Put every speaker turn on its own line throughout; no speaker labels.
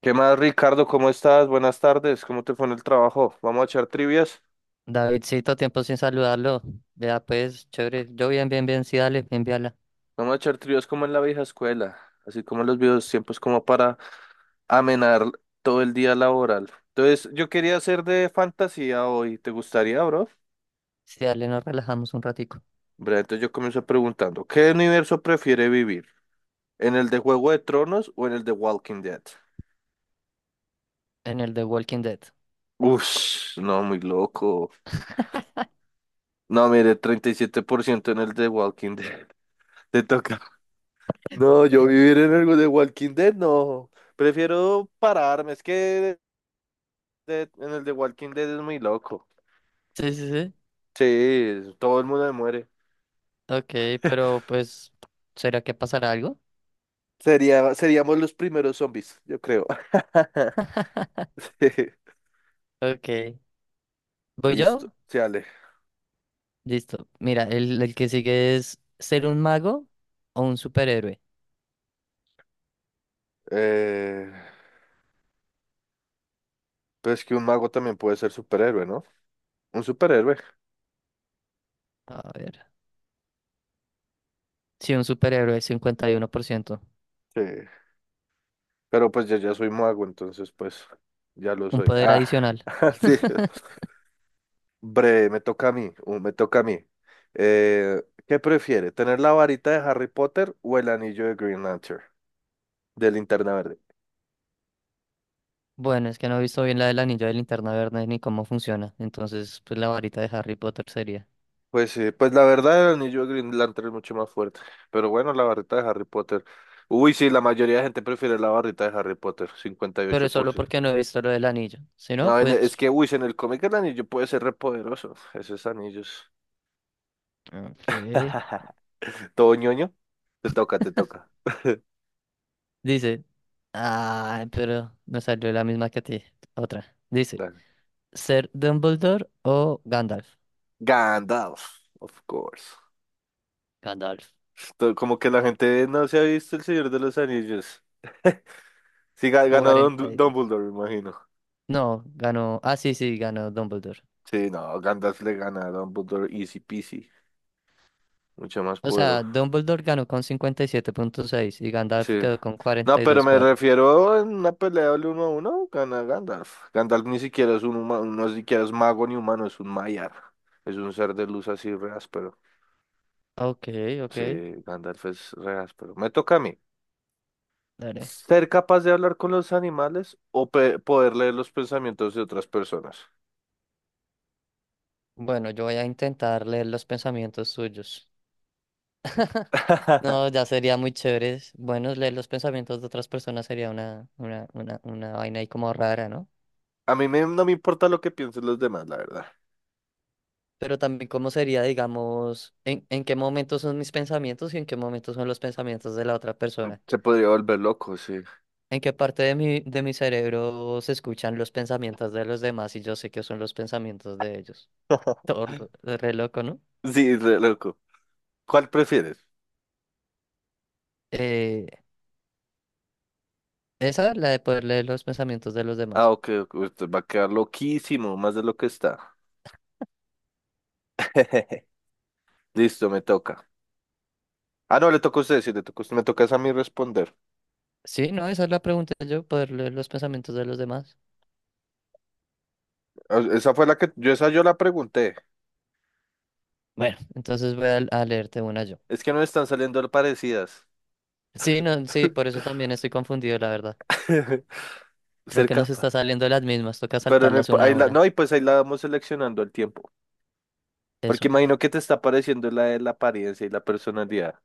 ¿Qué más, Ricardo? ¿Cómo estás? Buenas tardes. ¿Cómo te fue en el trabajo? Vamos a echar trivias.
Davidcito, tiempo sin saludarlo. Vea, pues, chévere. Yo bien, bien, bien, sí, dale, envíala.
Vamos a echar trivias como en la vieja escuela, así como en los viejos tiempos, como para amenar todo el día laboral. Entonces, yo quería hacer de fantasía hoy. ¿Te gustaría, bro?
Sí, dale, nos relajamos un ratico
Bre, entonces yo comienzo preguntando, ¿qué universo prefiere vivir? ¿En el de Juego de Tronos o en el de Walking Dead?
en el de Walking Dead.
Uf, no, muy loco. No, mire, 37% en el de Walking Dead. Te toca. No, yo vivir en el de Walking Dead, no. Prefiero pararme. Es que en el de Walking Dead es muy loco.
Sí, sí, sí.
Sí, todo el mundo se muere.
Ok, pero pues, ¿será que pasará algo?
Seríamos los primeros zombies, yo creo.
Ok. ¿Voy
Listo,
yo?
sí, Ale.
Listo. Mira, el que sigue es ser un mago o un superhéroe.
Eh, pues que un mago también puede ser superhéroe, ¿no? Un superhéroe.
A ver. Sí, un superhéroe, 51%.
Sí. Pero pues yo ya soy mago, entonces pues ya lo
Un
soy.
poder
Ah,
adicional.
sí. Bre, me toca a mí, me toca a mí. Eh, ¿Qué prefiere? ¿Tener la varita de Harry Potter o el anillo de Green Lantern, de Linterna Verde?
Bueno, es que no he visto bien la del anillo de linterna verde ni cómo funciona. Entonces, pues la varita de Harry Potter sería,
Pues sí, pues la verdad el anillo de Green Lantern es mucho más fuerte. Pero bueno, la varita de Harry Potter. Uy, sí, la mayoría de gente prefiere la varita de Harry Potter, cincuenta y ocho
pero
por
solo
ciento.
porque no he visto lo del anillo. Si no,
No, es
pues.
que, uy, si en el cómic el anillo puede ser repoderoso, esos anillos.
Ok.
¿Todo ñoño? Te toca, te toca.
Dice. Ah, pero me salió la misma que a ti. Otra. Dice,
Dale.
¿ser Dumbledore o Gandalf?
Gandalf, of course.
Gandalf.
Como que la gente no se ha visto El Señor de los Anillos. Sí, ganó Don
cuarenta y dos,
Dumbledore, me imagino.
No, ganó. Ah, sí, sí, ganó Dumbledore.
Sí, no, Gandalf le gana a Dumbledore easy peasy. Mucho más
O sea,
poderoso.
Dumbledore ganó con 57.6 y Gandalf
Sí.
quedó con
No,
cuarenta y
pero
dos punto
me
cuatro,
refiero en una pelea del uno a uno, gana Gandalf. Gandalf ni siquiera es un humano, no ni siquiera es mago ni humano, es un Maiar. Es un ser de luz así re áspero.
Ok, ok.
Sí, Gandalf es re áspero. Me toca a mí.
Dale.
¿Ser capaz de hablar con los animales o poder leer los pensamientos de otras personas?
Bueno, yo voy a intentar leer los pensamientos suyos. No, ya sería muy chévere. Bueno, leer los pensamientos de otras personas sería una vaina ahí como rara, ¿no?
A mí no me importa lo que piensen los demás, la verdad.
Pero también cómo sería, digamos, en qué momento son mis pensamientos y en qué momento son los pensamientos de la otra persona.
Se podría volver loco, sí.
En qué parte de mi cerebro se escuchan los pensamientos de los demás y yo sé que son los pensamientos de ellos. Todo lo- Re loco, ¿no?
Sí, re loco. ¿Cuál prefieres?
Eh, Esa, la de poder leer los pensamientos de los
Ah,
demás.
ok, ok, usted va a quedar loquísimo, más de lo que está. Listo, me toca. Ah, no, le toca a usted, sí, le toca a usted, me toca es a mí responder.
Sí, no, esa es la pregunta yo, poder leer los pensamientos de los demás.
Ah, esa fue la que, yo esa yo la pregunté.
Bueno, entonces voy a leerte una yo.
Es que no están saliendo parecidas.
Sí, no, sí, por eso también estoy confundido, la verdad. Creo
Ser
que nos está
capaz.
saliendo las mismas, toca
Pero no,
saltarlas una a
ahí la,
una.
no, y pues ahí la vamos seleccionando el tiempo. Porque
Eso.
imagino que te está pareciendo la de la apariencia y la personalidad.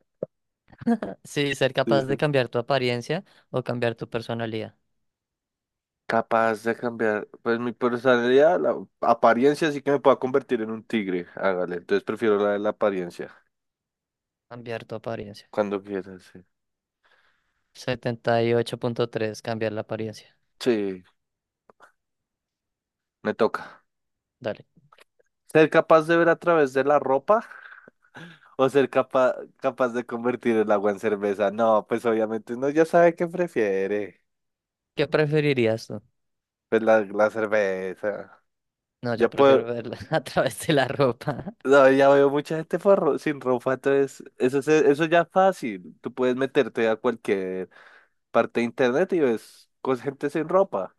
Sí, ser
Sí,
capaz
sí.
de cambiar tu apariencia o cambiar tu personalidad.
Capaz de cambiar, pues mi personalidad, la apariencia sí que me pueda convertir en un tigre, hágale. Entonces prefiero la de la apariencia,
Cambiar tu apariencia.
cuando quieras, sí.
78.3, cambiar la apariencia.
Sí, me toca.
Dale.
¿Ser capaz de ver a través de la ropa o ser capaz de convertir el agua en cerveza? No, pues obviamente uno ya sabe qué prefiere.
¿Qué preferirías tú?
Pues la cerveza.
No, yo
Ya
prefiero
puedo,
verla a través de la ropa.
no, ya veo mucha gente por sin ropa, entonces eso, eso ya es fácil. Tú puedes meterte a cualquier parte de internet y ves gente sin ropa.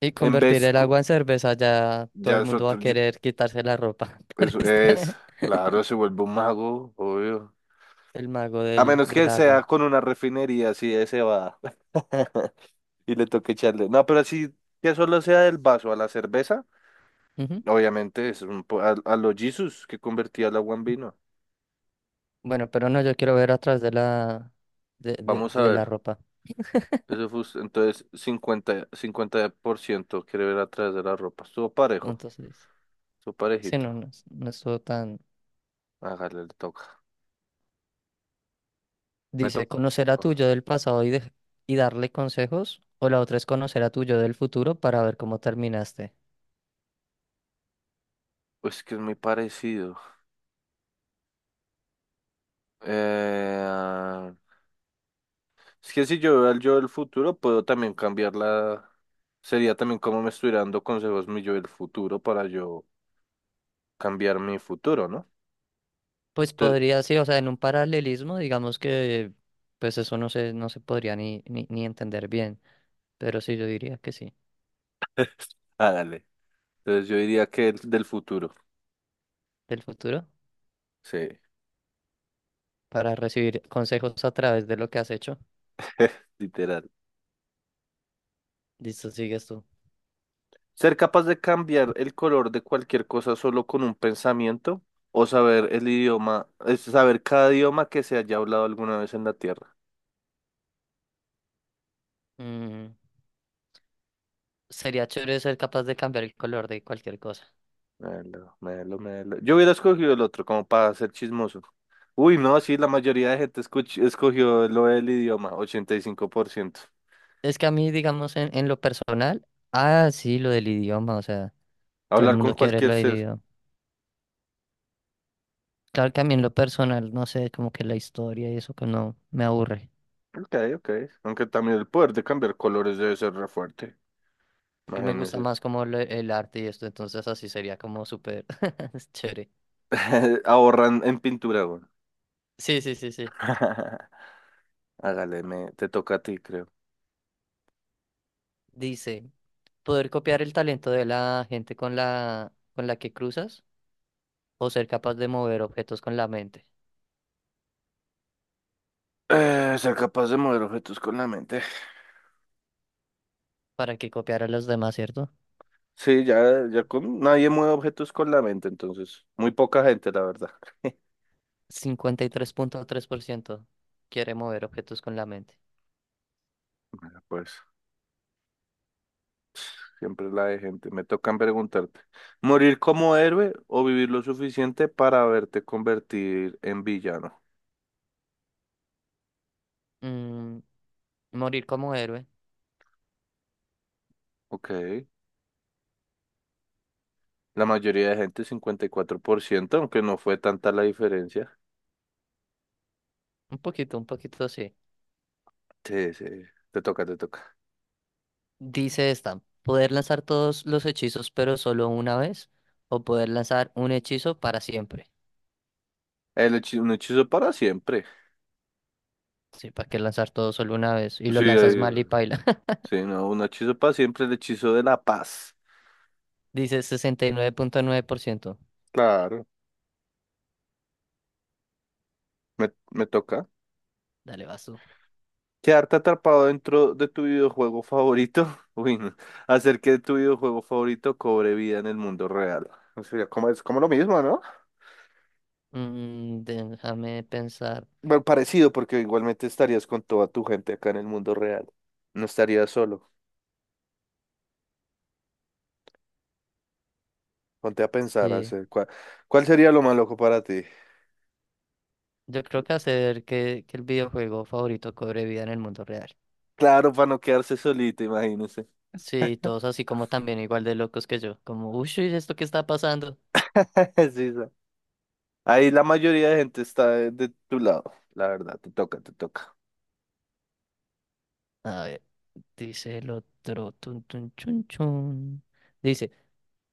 Y
En
convertir
vez,
el agua en cerveza, ya todo
ya
el
es
mundo va a
otro,
querer quitarse la ropa por
eso
estar
es, claro, se vuelve un mago, obvio.
el mago
A
del,
menos que
del
sea
agua.
con una refinería, así ese va. Y le toque echarle. No, pero así que solo sea del vaso a la cerveza, obviamente es un a los Jesus que convertía el agua en vino.
Bueno, pero no, yo quiero ver atrás de la, de, de,
Vamos a
de la
ver.
ropa.
Eso fue, entonces 50% quiere ver a través de la ropa. Estuvo parejo,
Entonces dice,
estuvo
sí,
parejito.
no, no, no estuvo tan.
Hágale, le toca. Me
Dice,
toca.
conocer a tu yo del pasado y darle consejos, o la otra es conocer a tu yo del futuro para ver cómo terminaste.
Pues que es muy parecido. Eh, ah, es que si yo veo al yo del futuro, puedo también cambiarla. Sería también como me estuviera dando consejos mi yo del futuro para yo cambiar mi futuro, ¿no?
Pues
Entonces,
podría, sí, o sea, en un paralelismo, digamos que, pues eso no se podría ni entender bien, pero sí, yo diría que sí,
ah, dale. Entonces yo diría que el del futuro.
del futuro,
Sí,
para recibir consejos a través de lo que has hecho.
literal.
Listo, sigues tú.
¿Ser capaz de cambiar el color de cualquier cosa solo con un pensamiento o saber el idioma, es saber cada idioma que se haya hablado alguna vez en la Tierra?
Mm, Sería chévere ser capaz de cambiar el color de cualquier cosa.
Melo, melo, melo. Yo hubiera escogido el otro, como para ser chismoso. Uy, no, sí, la mayoría de gente escogió lo del idioma, 85%.
Es que a mí, digamos, en lo personal, sí, lo del idioma, o sea, todo el
Hablar con
mundo quiere
cualquier
lo del
ser.
idioma. Claro que a mí en lo personal, no sé, como que la historia y eso que no me aburre.
Ok, ok. Aunque también el poder de cambiar colores debe ser re fuerte.
Y me gusta
Imagínese.
más el arte y esto, entonces así sería como súper es chévere.
Ahorran en pintura, güey.
Sí, sí, sí, sí.
Hágale, te toca a ti, creo.
Dice, poder copiar el talento de la gente con la que cruzas o ser capaz de mover objetos con la mente
Ser capaz de mover objetos con la mente.
para que copiar a los demás, ¿cierto?
Sí, ya con nadie mueve objetos con la mente, entonces. Muy poca gente, la verdad.
Cincuenta y tres tres punto tres por ciento quiere mover objetos con la mente.
Bueno, pues. Siempre la de gente. Me tocan preguntarte, ¿morir como héroe o vivir lo suficiente para verte convertir en villano?
Mm, morir como héroe.
Ok. La mayoría de gente, 54%, aunque no fue tanta la diferencia.
Un poquito sí.
Sí, sí. Te toca, te toca.
Dice esta, poder lanzar todos los hechizos pero solo una vez o poder lanzar un hechizo para siempre.
Un hechizo para siempre.
Sí, ¿para qué lanzar todo solo una vez? Y
Sí,
lo lanzas mal y paila.
sí, no, un hechizo para siempre, el hechizo de la paz.
Dice 69.9%.
Claro. Me toca.
Dale, vas tú.
Quedarte atrapado dentro de tu videojuego favorito, uy, no. Hacer que tu videojuego favorito cobre vida en el mundo real. O sea, como es como lo mismo, ¿no?
Mm, déjame pensar.
Bueno, parecido, porque igualmente estarías con toda tu gente acá en el mundo real. No estarías solo. Ponte a pensar,
Sí,
hacer cuál sería lo más loco para ti.
yo creo que hacer que el videojuego favorito cobre vida en el mundo real.
Claro, para no quedarse solito, imagínese.
Sí, todos así como también igual de locos que yo. Como, uy, ¿esto qué está pasando?
Sí, sí. Ahí la mayoría de gente está de tu lado, la verdad, te toca, te toca.
A ver. Dice el otro. Tun, tun, chun, chun. Dice,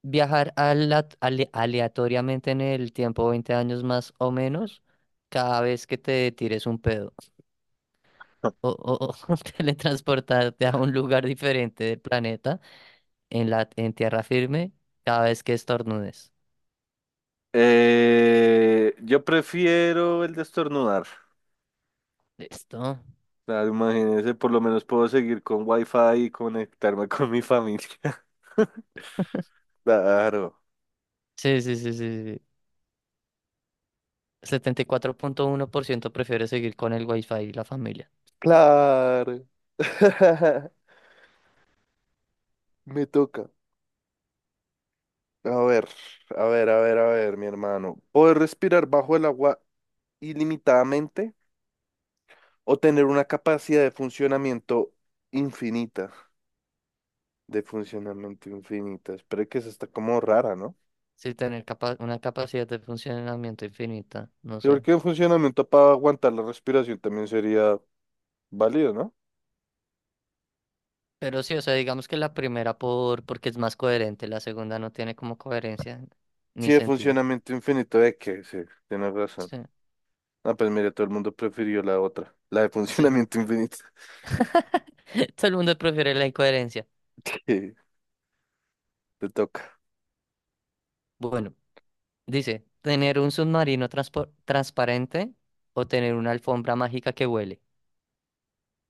viajar aleatoriamente en el tiempo 20 años más o menos cada vez que te tires un pedo. O, o- o teletransportarte a un lugar diferente del planeta en tierra firme cada vez que estornudes.
Yo prefiero el de estornudar.
¿Listo?
Claro, imagínese, por lo menos puedo seguir con wifi y conectarme con mi familia. Claro,
Sí, sí, sí, sí, sí, sí. 74.1% prefiere seguir con el wifi y la familia.
claro. Me toca. A ver, a ver, a ver, a ver, mi hermano. ¿Poder respirar bajo el agua ilimitadamente o tener una capacidad de funcionamiento infinita? De funcionamiento infinita. Espero que esa está como rara, ¿no?
Sí, tener una capacidad de funcionamiento infinita, no
Sí,
sé.
porque un funcionamiento para aguantar la respiración también sería válido, ¿no?
Pero sí, o sea, digamos que la primera porque es más coherente, la segunda no tiene como coherencia ni
Sí, de
sentido.
funcionamiento infinito de que, sí, tienes razón.
Sí,
Ah, pues mira, todo el mundo prefirió la otra, la de
sí.
funcionamiento infinito.
Todo el mundo prefiere la incoherencia.
Sí, te toca.
Bueno, dice, ¿tener un submarino transparente o tener una alfombra mágica que huele?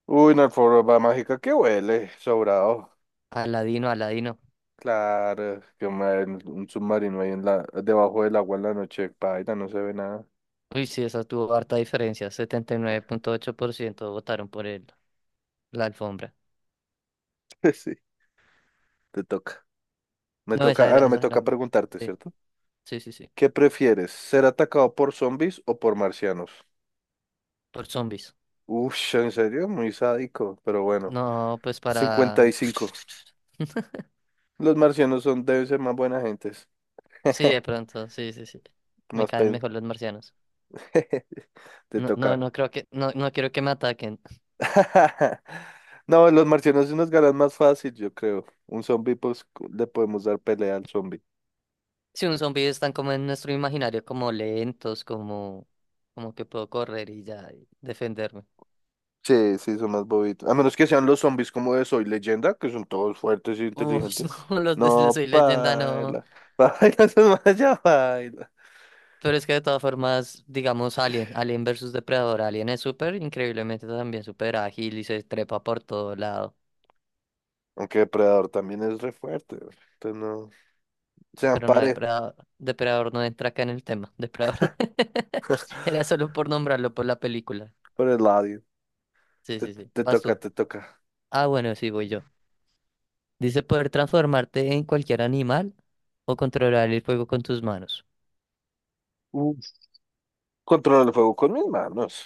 Uy, una alfombra mágica que huele, sobrado.
Aladino, Aladino.
Claro, un submarino ahí en la, debajo del agua en la noche, paila, no se ve nada.
Uy, sí, esa tuvo harta diferencia. 79.8% votaron por el, la alfombra.
Sí, te toca. Me
No, esa
toca, ah,
era,
no, me
esa era.
toca
mi-
preguntarte,
Sí,
¿cierto?
sí, sí, sí.
¿Qué prefieres, ser atacado por zombies o por marcianos?
Por zombies.
Uy, en serio, muy sádico, pero bueno,
No, pues
cincuenta
para.
y cinco Los marcianos son, deben ser más buena gentes.
Sí, de pronto, sí, sí, sí. Me
Más
caen
pen.
mejor los marcianos.
Te
No, no,
toca.
no creo que, no, no quiero que me ataquen.
No, los marcianos sí nos ganan más fácil, yo creo. Un zombie, pues le podemos dar pelea al zombie.
Si un zombie están como en nuestro imaginario, como lentos, como que puedo correr y ya y defenderme.
Sí, sí, son más bobitos. A menos que sean los zombies como de Soy Leyenda, que son todos fuertes e
Uf,
inteligentes.
no, los de
No,
Soy Leyenda no.
paila. Paila, son más ya paila.
Pero es que de todas formas, digamos Alien versus Depredador. Alien es súper, increíblemente también súper ágil y se trepa por todo lado.
Aunque Depredador también es re fuerte, güey. Entonces no. Sean
Pero no,
parejos
Depredador no entra acá en el tema. Depredador. Era solo por nombrarlo por la película.
por el lado.
Sí,
Te,
sí, sí.
te
Vas
toca,
tú.
te toca.
Ah, bueno, sí, voy yo. Dice poder transformarte en cualquier animal o controlar el fuego con tus manos.
Controlar el fuego con mis manos.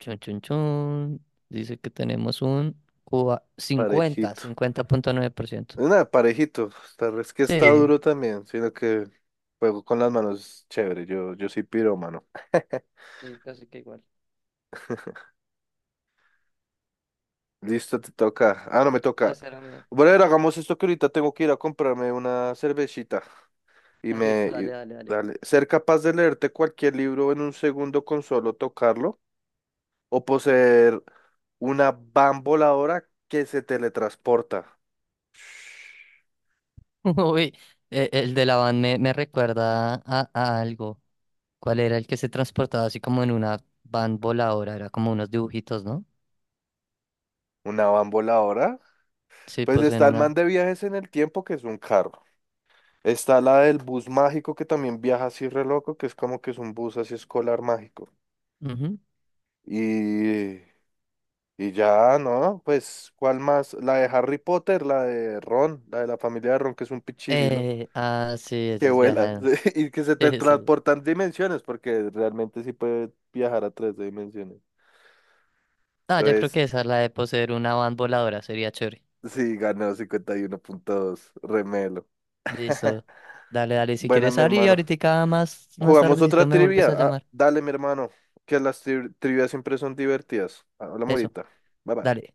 Chun, chun, chun. Dice que tenemos un cincuenta,
Parejito.
cincuenta punto nueve por ciento.
Nada, parejito. Tal vez que está
Sí.
duro también, sino que fuego con las manos, chévere. Yo soy pirómano.
Sí, casi que igual.
Listo, te toca. Ah, no me
No,
toca.
ese era mío.
Bueno, hagamos esto que ahorita tengo que ir a comprarme una cervecita y
Ah, listo,
me... y-
dale, dale, dale.
dale. Ser capaz de leerte cualquier libro en un segundo con solo tocarlo o poseer una van voladora que se teletransporta.
Uy, el de la van me recuerda a algo. ¿Cuál era el que se transportaba así como en una van voladora? Era como unos dibujitos, ¿no?
¿Una van voladora?
Sí,
Pues
pues en
está el
una.
man de viajes en el tiempo, que es un carro. Está la del bus mágico, que también viaja así re loco, que es como que es un bus así escolar mágico.
Ujú.
Y, y ya, ¿no? Pues, ¿cuál más? La de Harry Potter, la de Ron, la de la familia de Ron, que es un pichirilo
Sí,
que
eso es
vuela
viajar.
y que se te
Sí, sí.
transportan dimensiones, porque realmente sí puede viajar a tres dimensiones.
No, yo creo
Entonces,
que esa es la de poseer una van voladora, sería chévere.
sí, ganó 51.2, remelo.
Listo. Dale, dale, si
Buena,
quieres
mi
salir,
hermano.
ahorita más, más
Jugamos otra
tardecito me
trivia.
vuelves a
Ah,
llamar.
dale, mi hermano, que las trivias siempre son divertidas. Habla
Eso,
morita. Bye bye.
dale.